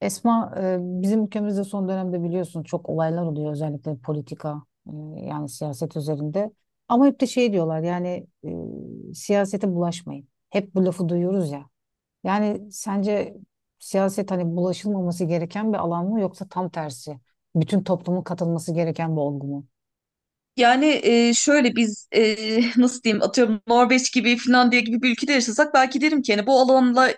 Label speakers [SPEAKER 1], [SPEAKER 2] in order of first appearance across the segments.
[SPEAKER 1] Esma, bizim ülkemizde son dönemde biliyorsun çok olaylar oluyor, özellikle politika yani siyaset üzerinde. Ama hep de şey diyorlar yani siyasete bulaşmayın. Hep bu lafı duyuyoruz ya. Yani sence siyaset hani bulaşılmaması gereken bir alan mı, yoksa tam tersi bütün toplumun katılması gereken bir olgu mu?
[SPEAKER 2] Yani şöyle biz nasıl diyeyim, atıyorum Norveç gibi, Finlandiya gibi bir ülkede yaşasak belki derim ki hani bu alanla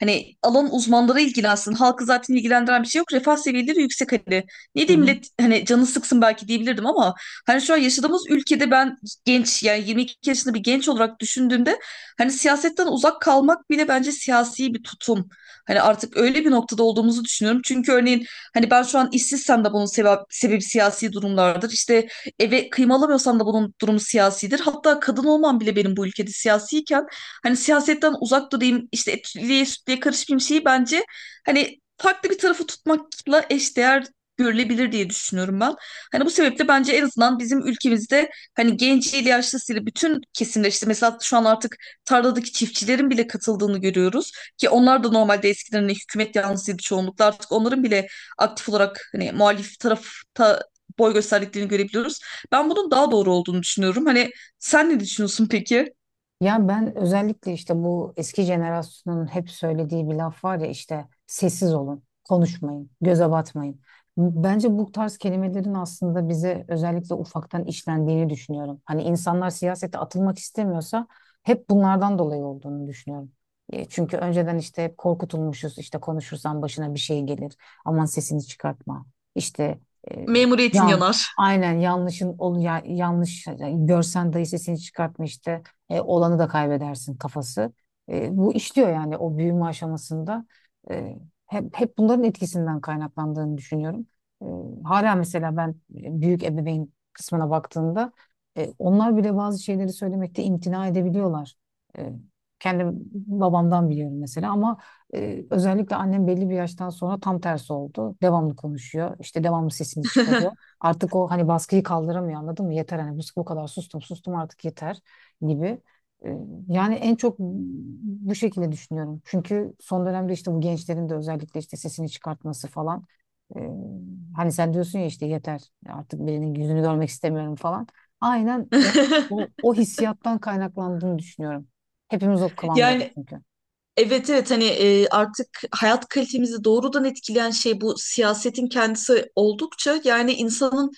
[SPEAKER 2] hani alan uzmanları ilgilensin. Halkı zaten ilgilendiren bir şey yok, refah seviyeleri yüksek hani. Ne diyeyim, millet hani canı sıksın belki diyebilirdim, ama hani şu an yaşadığımız ülkede ben genç, yani 22 yaşında bir genç olarak düşündüğümde hani siyasetten uzak kalmak bile bence siyasi bir tutum. Hani artık öyle bir noktada olduğumuzu düşünüyorum. Çünkü örneğin hani ben şu an işsizsem de bunun sebebi siyasi durumlardır. İşte eve kıyım alamıyorsam da bunun durumu siyasidir. Hatta kadın olmam bile benim bu ülkede siyasiyken hani siyasetten uzak durayım, işte etliye sütlüye karışmayayım şeyi bence hani farklı bir tarafı tutmakla eşdeğer görülebilir diye düşünüyorum ben. Hani bu sebeple bence en azından bizim ülkemizde hani genciyle yaşlısıyla bütün kesimler, işte mesela şu an artık tarladaki çiftçilerin bile katıldığını görüyoruz ki onlar da normalde eskiden hani hükümet yanlısıydı çoğunlukla, artık onların bile aktif olarak hani muhalif tarafta boy gösterdiklerini görebiliyoruz. Ben bunun daha doğru olduğunu düşünüyorum. Hani sen ne düşünüyorsun peki?
[SPEAKER 1] Ya ben özellikle işte bu eski jenerasyonun hep söylediği bir laf var ya, işte sessiz olun, konuşmayın, göze batmayın. Bence bu tarz kelimelerin aslında bize özellikle ufaktan işlendiğini düşünüyorum. Hani insanlar siyasete atılmak istemiyorsa hep bunlardan dolayı olduğunu düşünüyorum. Çünkü önceden işte hep korkutulmuşuz, işte konuşursan başına bir şey gelir. Aman sesini çıkartma. İşte, e,
[SPEAKER 2] Memuriyetin
[SPEAKER 1] yan
[SPEAKER 2] yanar.
[SPEAKER 1] aynen yanlış görsen dahi sesini çıkartma, işte olanı da kaybedersin kafası. Bu işliyor yani, o büyüme aşamasında. E, hep bunların etkisinden kaynaklandığını düşünüyorum. E, Hala mesela ben, büyük ebeveyn kısmına baktığımda, onlar bile bazı şeyleri söylemekte imtina edebiliyorlar. E, Kendim babamdan biliyorum mesela, ama özellikle annem belli bir yaştan sonra tam tersi oldu. Devamlı konuşuyor. İşte devamlı sesini çıkarıyor. Artık o hani baskıyı kaldıramıyor, anladın mı? Yeter hani, bu kadar sustum sustum artık yeter gibi. Ee, Yani en çok bu şekilde düşünüyorum. Çünkü son dönemde işte bu gençlerin de özellikle işte sesini çıkartması falan. Ee, Hani sen diyorsun ya, işte yeter artık birinin yüzünü görmek istemiyorum falan. Aynen o, o, o hissiyattan kaynaklandığını düşünüyorum. Hepimiz o kıvamdayız
[SPEAKER 2] Yani
[SPEAKER 1] çünkü.
[SPEAKER 2] evet, evet, hani artık hayat kalitemizi doğrudan etkileyen şey bu siyasetin kendisi oldukça yani insanın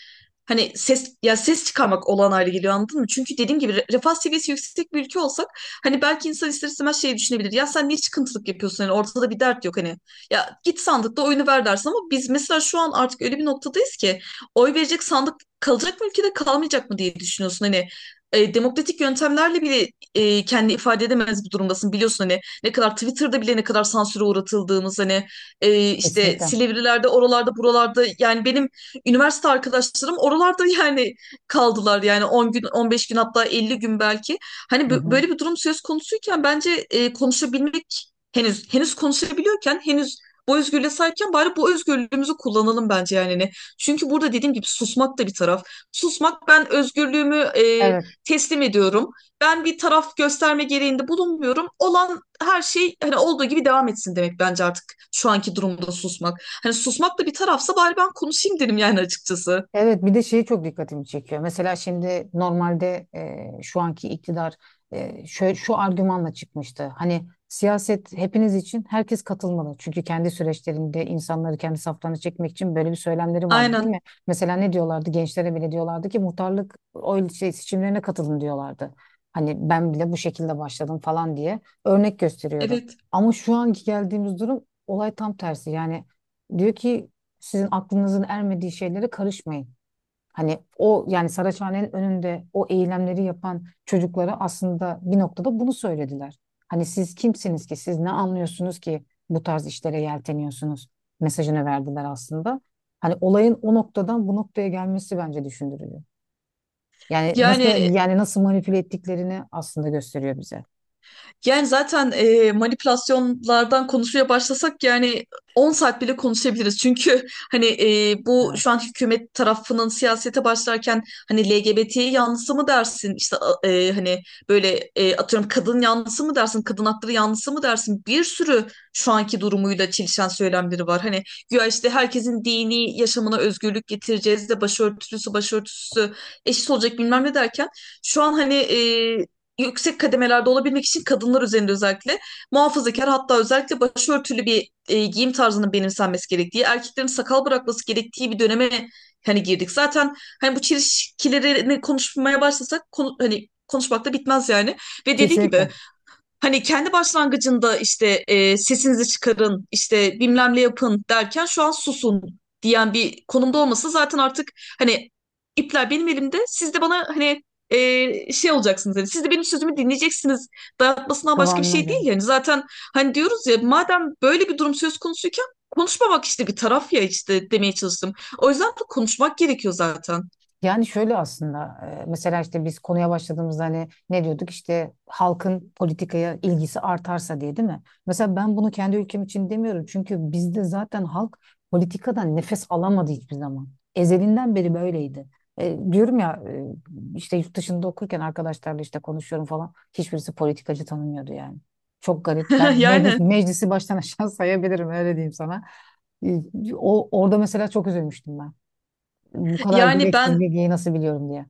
[SPEAKER 2] hani ses çıkarmak olağan hale geliyor, anladın mı? Çünkü dediğim gibi refah seviyesi yüksek bir ülke olsak hani belki insan ister istemez şey düşünebilir. Ya sen niye çıkıntılık yapıyorsun? Hani ortada bir dert yok hani. Ya git sandıkta oyunu ver dersin, ama biz mesela şu an artık öyle bir noktadayız ki oy verecek sandık kalacak mı ülkede, kalmayacak mı diye düşünüyorsun. Hani demokratik yöntemlerle bile kendini ifade edemez bir durumdasın, biliyorsun hani ne kadar Twitter'da bile ne kadar sansüre uğratıldığımız, hani işte
[SPEAKER 1] Kesinlikle.
[SPEAKER 2] Silivrilerde, oralarda buralarda, yani benim üniversite arkadaşlarım oralarda yani kaldılar, yani 10 gün, 15 gün, hatta 50 gün belki, hani
[SPEAKER 1] Hı hı.
[SPEAKER 2] böyle bir durum söz konusuyken bence konuşabilmek henüz konuşabiliyorken, henüz bu özgürlüğe sahipken bari bu özgürlüğümüzü kullanalım bence yani. Çünkü burada dediğim gibi, susmak da bir taraf. Susmak, ben özgürlüğümü
[SPEAKER 1] Evet.
[SPEAKER 2] teslim ediyorum, ben bir taraf gösterme gereğinde bulunmuyorum. Olan her şey hani olduğu gibi devam etsin demek bence artık şu anki durumda susmak. Hani susmak da bir tarafsa, bari ben konuşayım dedim yani açıkçası.
[SPEAKER 1] Evet, bir de şeyi çok dikkatimi çekiyor. Mesela şimdi normalde, şu anki iktidar, şöyle, şu argümanla çıkmıştı. Hani siyaset hepiniz için, herkes katılmalı. Çünkü kendi süreçlerinde insanları kendi saflarına çekmek için böyle bir söylemleri vardı, değil mi?
[SPEAKER 2] Aynen.
[SPEAKER 1] Mesela ne diyorlardı? Gençlere bile diyorlardı ki muhtarlık oy şey, seçimlerine katılın diyorlardı. Hani ben bile bu şekilde başladım falan diye örnek gösteriyordu.
[SPEAKER 2] Evet.
[SPEAKER 1] Ama şu anki geldiğimiz durum olay tam tersi. Yani diyor ki sizin aklınızın ermediği şeylere karışmayın. Hani o yani Saraçhane'nin önünde o eylemleri yapan çocuklara aslında bir noktada bunu söylediler. Hani siz kimsiniz ki, siz ne anlıyorsunuz ki bu tarz işlere yelteniyorsunuz mesajını verdiler aslında. Hani olayın o noktadan bu noktaya gelmesi bence düşündürücü. Yani nasıl,
[SPEAKER 2] Yani
[SPEAKER 1] yani nasıl manipüle ettiklerini aslında gösteriyor bize.
[SPEAKER 2] Zaten manipülasyonlardan konuşmaya başlasak yani 10 saat bile konuşabiliriz. Çünkü hani bu
[SPEAKER 1] Evet.
[SPEAKER 2] şu an hükümet tarafının siyasete başlarken hani LGBT yanlısı mı dersin? İşte hani böyle, atıyorum, kadın yanlısı mı dersin? Kadın hakları yanlısı mı dersin? Bir sürü şu anki durumuyla çelişen söylemleri var. Hani güya işte herkesin dini yaşamına özgürlük getireceğiz de başörtüsü eşit olacak, bilmem ne derken şu an hani yüksek kademelerde olabilmek için kadınlar üzerinde özellikle muhafazakar, hatta özellikle başörtülü bir giyim tarzının benimsenmesi gerektiği, erkeklerin sakal bırakması gerektiği bir döneme hani girdik. Zaten hani bu çelişkilerini konuşmaya başlasak hani konuşmak da bitmez yani. Ve dediğin
[SPEAKER 1] Kesinlikle.
[SPEAKER 2] gibi, hani kendi başlangıcında işte sesinizi çıkarın, işte bilmem ne yapın derken, şu an susun diyen bir konumda olması zaten artık hani ipler benim elimde. Siz de bana hani şey olacaksınız. Hani siz de benim sözümü dinleyeceksiniz. Dayatmasından başka bir
[SPEAKER 1] Kıvamına
[SPEAKER 2] şey
[SPEAKER 1] göre.
[SPEAKER 2] değil yani. Zaten hani diyoruz ya, madem böyle bir durum söz konusuyken konuşmamak işte bir taraf ya, işte demeye çalıştım. O yüzden de konuşmak gerekiyor zaten.
[SPEAKER 1] Yani şöyle aslında, mesela işte biz konuya başladığımızda hani ne diyorduk, işte halkın politikaya ilgisi artarsa diye, değil mi? Mesela ben bunu kendi ülkem için demiyorum, çünkü bizde zaten halk politikadan nefes alamadı hiçbir zaman. Ezelinden beri böyleydi. Diyorum ya, işte yurt dışında okurken arkadaşlarla işte konuşuyorum falan, hiçbirisi politikacı tanımıyordu yani. Çok garip. Ben meclis,
[SPEAKER 2] Yani
[SPEAKER 1] meclisi baştan aşağı sayabilirim, öyle diyeyim sana. E, orada mesela çok üzülmüştüm ben, bu kadar
[SPEAKER 2] yani
[SPEAKER 1] gereksiz
[SPEAKER 2] ben
[SPEAKER 1] bilgiyi nasıl biliyorum diye.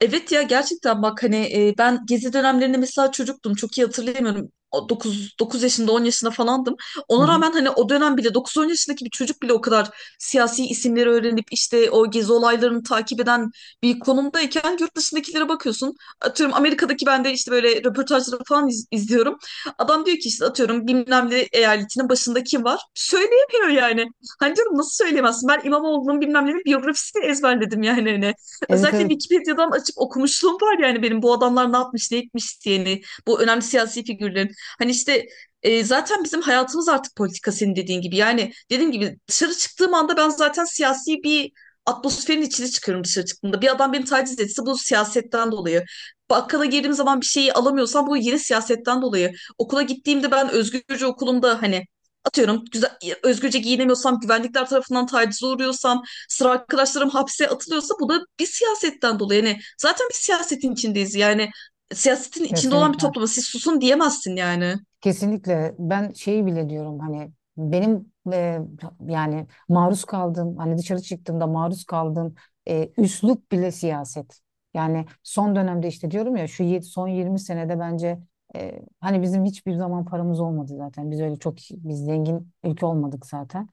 [SPEAKER 2] Evet ya, gerçekten bak hani ben gezi dönemlerinde mesela çocuktum, çok iyi hatırlayamıyorum. 9 yaşında, 10 yaşında falandım.
[SPEAKER 1] Hı
[SPEAKER 2] Ona
[SPEAKER 1] hı.
[SPEAKER 2] rağmen hani o dönem bile 9-10 yaşındaki bir çocuk bile o kadar siyasi isimleri öğrenip işte o gezi olaylarını takip eden bir konumdayken, yurt dışındakilere bakıyorsun. Atıyorum Amerika'daki, ben de işte böyle röportajları falan izliyorum. Adam diyor ki işte, atıyorum, bilmem ne eyaletinin başında kim var? Söyleyemiyor yani. Hani diyorum, nasıl söyleyemezsin? Ben İmamoğlu'nun bilmem ne, bir biyografisini ezberledim yani hani.
[SPEAKER 1] Evet,
[SPEAKER 2] Özellikle
[SPEAKER 1] evet,
[SPEAKER 2] Wikipedia'dan açıp okumuşluğum var yani, benim bu adamlar ne yapmış ne etmiş diyeni, bu önemli siyasi figürlerin hani işte zaten bizim hayatımız artık politika, senin dediğin gibi yani, dediğim gibi dışarı çıktığım anda ben zaten siyasi bir atmosferin içine çıkıyorum. Dışarı çıktığımda bir adam beni taciz etse bu siyasetten dolayı, bakkala girdiğim zaman bir şeyi alamıyorsam bu yine siyasetten dolayı, okula gittiğimde ben özgürce okulumda hani, atıyorum, özgürce giyinemiyorsam, güvenlikler tarafından tacize uğruyorsam, sıra arkadaşlarım hapse atılıyorsa, bu da bir siyasetten dolayı. Yani zaten bir siyasetin içindeyiz. Yani siyasetin içinde olan bir
[SPEAKER 1] kesinlikle.
[SPEAKER 2] topluma siz susun diyemezsin yani.
[SPEAKER 1] Kesinlikle, ben şeyi bile diyorum, hani benim, yani maruz kaldığım, hani dışarı çıktığımda maruz kaldığım üslup bile siyaset. Yani son dönemde, işte diyorum ya, son 20 senede bence, hani bizim hiçbir zaman paramız olmadı zaten. Biz öyle çok biz zengin ülke olmadık zaten.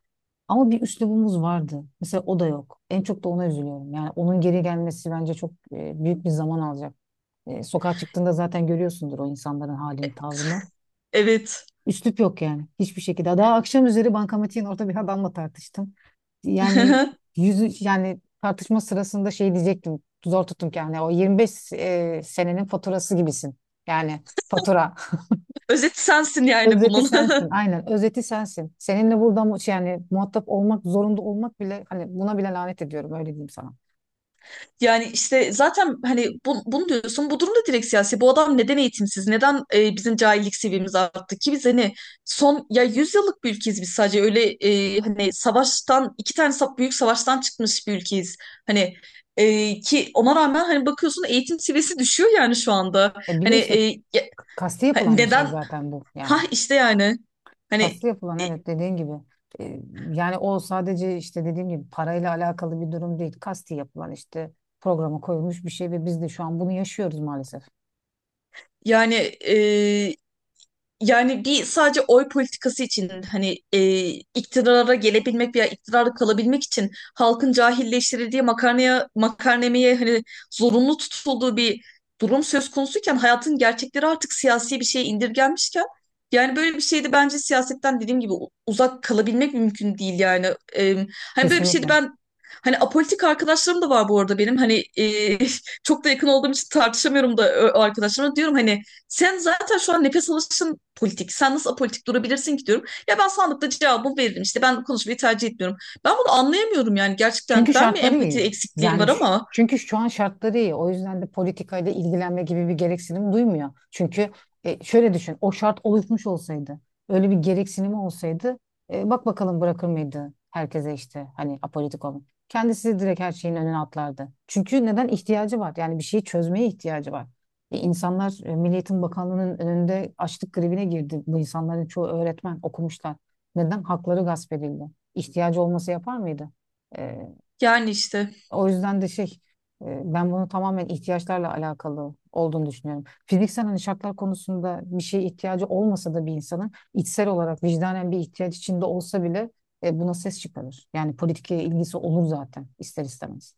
[SPEAKER 1] Ama bir üslubumuz vardı. Mesela o da yok. En çok da ona üzülüyorum. Yani onun geri gelmesi bence çok büyük bir zaman alacak. Sokağa çıktığında zaten görüyorsundur o insanların halini, tavrını.
[SPEAKER 2] Evet.
[SPEAKER 1] Üslup yok yani, hiçbir şekilde. Daha akşam üzeri bankamatiğin orada bir adamla tartıştım. Yani yüzü, yani tartışma sırasında şey diyecektim. Zor tuttum ki, yani o 25 senenin faturası gibisin. Yani, fatura.
[SPEAKER 2] Özet sensin yani
[SPEAKER 1] Özeti
[SPEAKER 2] bunun.
[SPEAKER 1] sensin. Aynen, özeti sensin. Seninle burada yani muhatap olmak zorunda olmak bile, hani buna bile lanet ediyorum, öyle diyeyim sana.
[SPEAKER 2] Yani işte zaten hani bunu diyorsun, bu durumda direkt siyasi. Bu adam neden eğitimsiz? Neden bizim cahillik seviyemiz arttı ki? Biz hani son, ya, 100 yıllık bir ülkeyiz biz, sadece öyle hani savaştan, iki tane büyük savaştan çıkmış bir ülkeyiz. Hani e, ki ona rağmen hani bakıyorsun eğitim seviyesi düşüyor yani şu anda.
[SPEAKER 1] Bir de
[SPEAKER 2] Hani
[SPEAKER 1] işte,
[SPEAKER 2] e, ya-
[SPEAKER 1] kasti
[SPEAKER 2] ha-
[SPEAKER 1] yapılan bir şey
[SPEAKER 2] neden?
[SPEAKER 1] zaten bu
[SPEAKER 2] Ha
[SPEAKER 1] yani.
[SPEAKER 2] işte yani, hani.
[SPEAKER 1] Kaslı yapılan,
[SPEAKER 2] e,
[SPEAKER 1] evet, dediğin gibi. E, Yani o sadece işte dediğim gibi parayla alakalı bir durum değil. Kasti yapılan, işte programa koyulmuş bir şey ve biz de şu an bunu yaşıyoruz maalesef.
[SPEAKER 2] yani e, Yani bir sadece oy politikası için hani iktidara gelebilmek veya iktidarda kalabilmek için halkın cahilleştirildiği, makarnemeye hani zorunlu tutulduğu bir durum söz konusuyken, hayatın gerçekleri artık siyasi bir şeye indirgenmişken, yani böyle bir şeyde bence siyasetten dediğim gibi uzak kalabilmek mümkün değil yani. E, Hani böyle bir şeyde
[SPEAKER 1] Kesinlikle.
[SPEAKER 2] ben, hani apolitik arkadaşlarım da var bu arada benim, hani çok da yakın olduğum için tartışamıyorum da o arkadaşlarıma diyorum, hani sen zaten şu an nefes alışın politik. Sen nasıl apolitik durabilirsin ki diyorum. Ya ben sandıkta cevabımı veririm, İşte ben konuşmayı tercih etmiyorum. Ben bunu anlayamıyorum yani, gerçekten.
[SPEAKER 1] Çünkü
[SPEAKER 2] Ben mi
[SPEAKER 1] şartları
[SPEAKER 2] empati
[SPEAKER 1] iyi.
[SPEAKER 2] eksikliğim var,
[SPEAKER 1] Yani,
[SPEAKER 2] ama
[SPEAKER 1] çünkü şu an şartları iyi. O yüzden de politikayla ilgilenme gibi bir gereksinim duymuyor. Çünkü şöyle düşün, o şart oluşmuş olsaydı, öyle bir gereksinimi olsaydı, bak bakalım, bırakır mıydı herkese işte hani apolitik olun. Kendisi direkt her şeyin önüne atlardı. Çünkü neden ihtiyacı var? Yani bir şeyi çözmeye ihtiyacı var. İnsanlar Milli Eğitim Bakanlığı'nın önünde açlık grevine girdi. Bu insanların çoğu öğretmen, okumuşlar. Neden? Hakları gasp edildi. İhtiyacı olması yapar mıydı? E,
[SPEAKER 2] yani işte.
[SPEAKER 1] O yüzden de şey, ben bunu tamamen ihtiyaçlarla alakalı olduğunu düşünüyorum. Fiziksel hani şartlar konusunda bir şeye ihtiyacı olmasa da, bir insanın içsel olarak vicdanen bir ihtiyaç içinde olsa bile, buna ses çıkarır. Yani politikaya ilgisi olur zaten, ister istemez.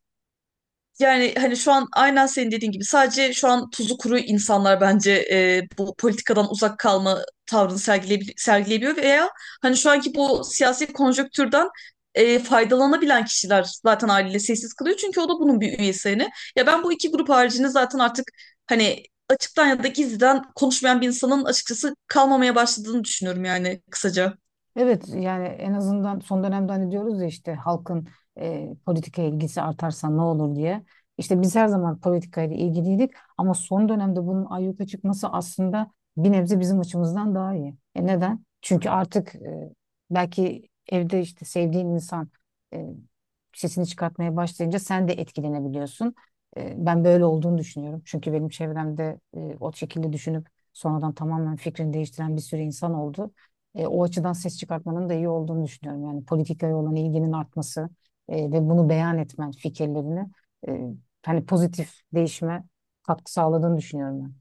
[SPEAKER 2] Yani hani şu an aynen senin dediğin gibi sadece şu an tuzu kuru insanlar bence bu politikadan uzak kalma tavrını sergileyebiliyor, veya hani şu anki bu siyasi konjonktürden faydalanabilen kişiler zaten haliyle sessiz kalıyor, çünkü o da bunun bir üyesi hani. Ya ben bu iki grup haricinde zaten artık hani açıktan ya da gizliden konuşmayan bir insanın açıkçası kalmamaya başladığını düşünüyorum yani, kısaca.
[SPEAKER 1] Evet, yani en azından son dönemde hani diyoruz ya, işte halkın politikaya ilgisi artarsa ne olur diye. İşte biz her zaman politikayla ilgiliydik, ama son dönemde bunun ayyuka çıkması aslında bir nebze bizim açımızdan daha iyi. Neden? Çünkü artık, belki evde işte sevdiğin insan e, sesini çıkartmaya başlayınca sen de etkilenebiliyorsun. Ben böyle olduğunu düşünüyorum. Çünkü benim çevremde, o şekilde düşünüp sonradan tamamen fikrini değiştiren bir sürü insan oldu. O açıdan ses çıkartmanın da iyi olduğunu düşünüyorum. Yani politikaya olan ilginin artması ve bunu beyan etmen, fikirlerini, e, hani pozitif değişime katkı sağladığını düşünüyorum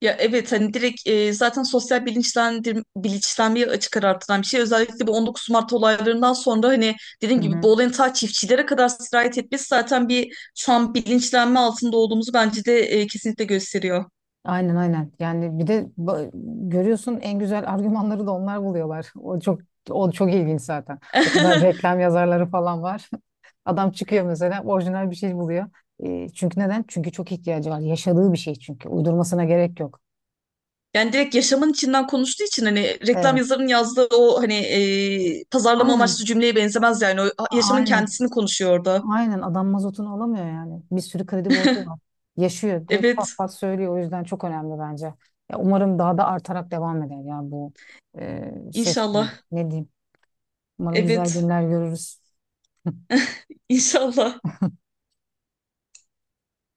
[SPEAKER 2] Ya evet, hani direkt zaten sosyal bilinçlenmeye açık ara artıran bir şey. Özellikle bu 19 Mart olaylarından sonra hani dediğim
[SPEAKER 1] ben.
[SPEAKER 2] gibi
[SPEAKER 1] Hı hı.
[SPEAKER 2] bu olayın ta çiftçilere kadar sirayet etmesi zaten bir şu an bilinçlenme altında olduğumuzu bence de kesinlikle gösteriyor.
[SPEAKER 1] Aynen, aynen. Yani bir de görüyorsun en güzel argümanları da onlar buluyorlar. O çok ilginç zaten. O kadar reklam yazarları falan var. Adam çıkıyor mesela, orijinal bir şey buluyor. Çünkü neden? Çünkü çok ihtiyacı var. Yaşadığı bir şey çünkü. Uydurmasına gerek yok.
[SPEAKER 2] Yani direkt yaşamın içinden konuştuğu için hani reklam
[SPEAKER 1] Evet.
[SPEAKER 2] yazarının yazdığı o hani pazarlama amaçlı
[SPEAKER 1] Aynen.
[SPEAKER 2] cümleye benzemez yani. O yaşamın
[SPEAKER 1] Aynen.
[SPEAKER 2] kendisini konuşuyor orada.
[SPEAKER 1] Aynen, adam mazotunu alamıyor yani. Bir sürü kredi borcu var. Yaşıyor. Direkt pat
[SPEAKER 2] Evet,
[SPEAKER 1] pat söylüyor. O yüzden çok önemli bence. Ya umarım daha da artarak devam eder ya bu ses.
[SPEAKER 2] inşallah.
[SPEAKER 1] Ne diyeyim? Umarım güzel
[SPEAKER 2] Evet,
[SPEAKER 1] günler görürüz.
[SPEAKER 2] inşallah.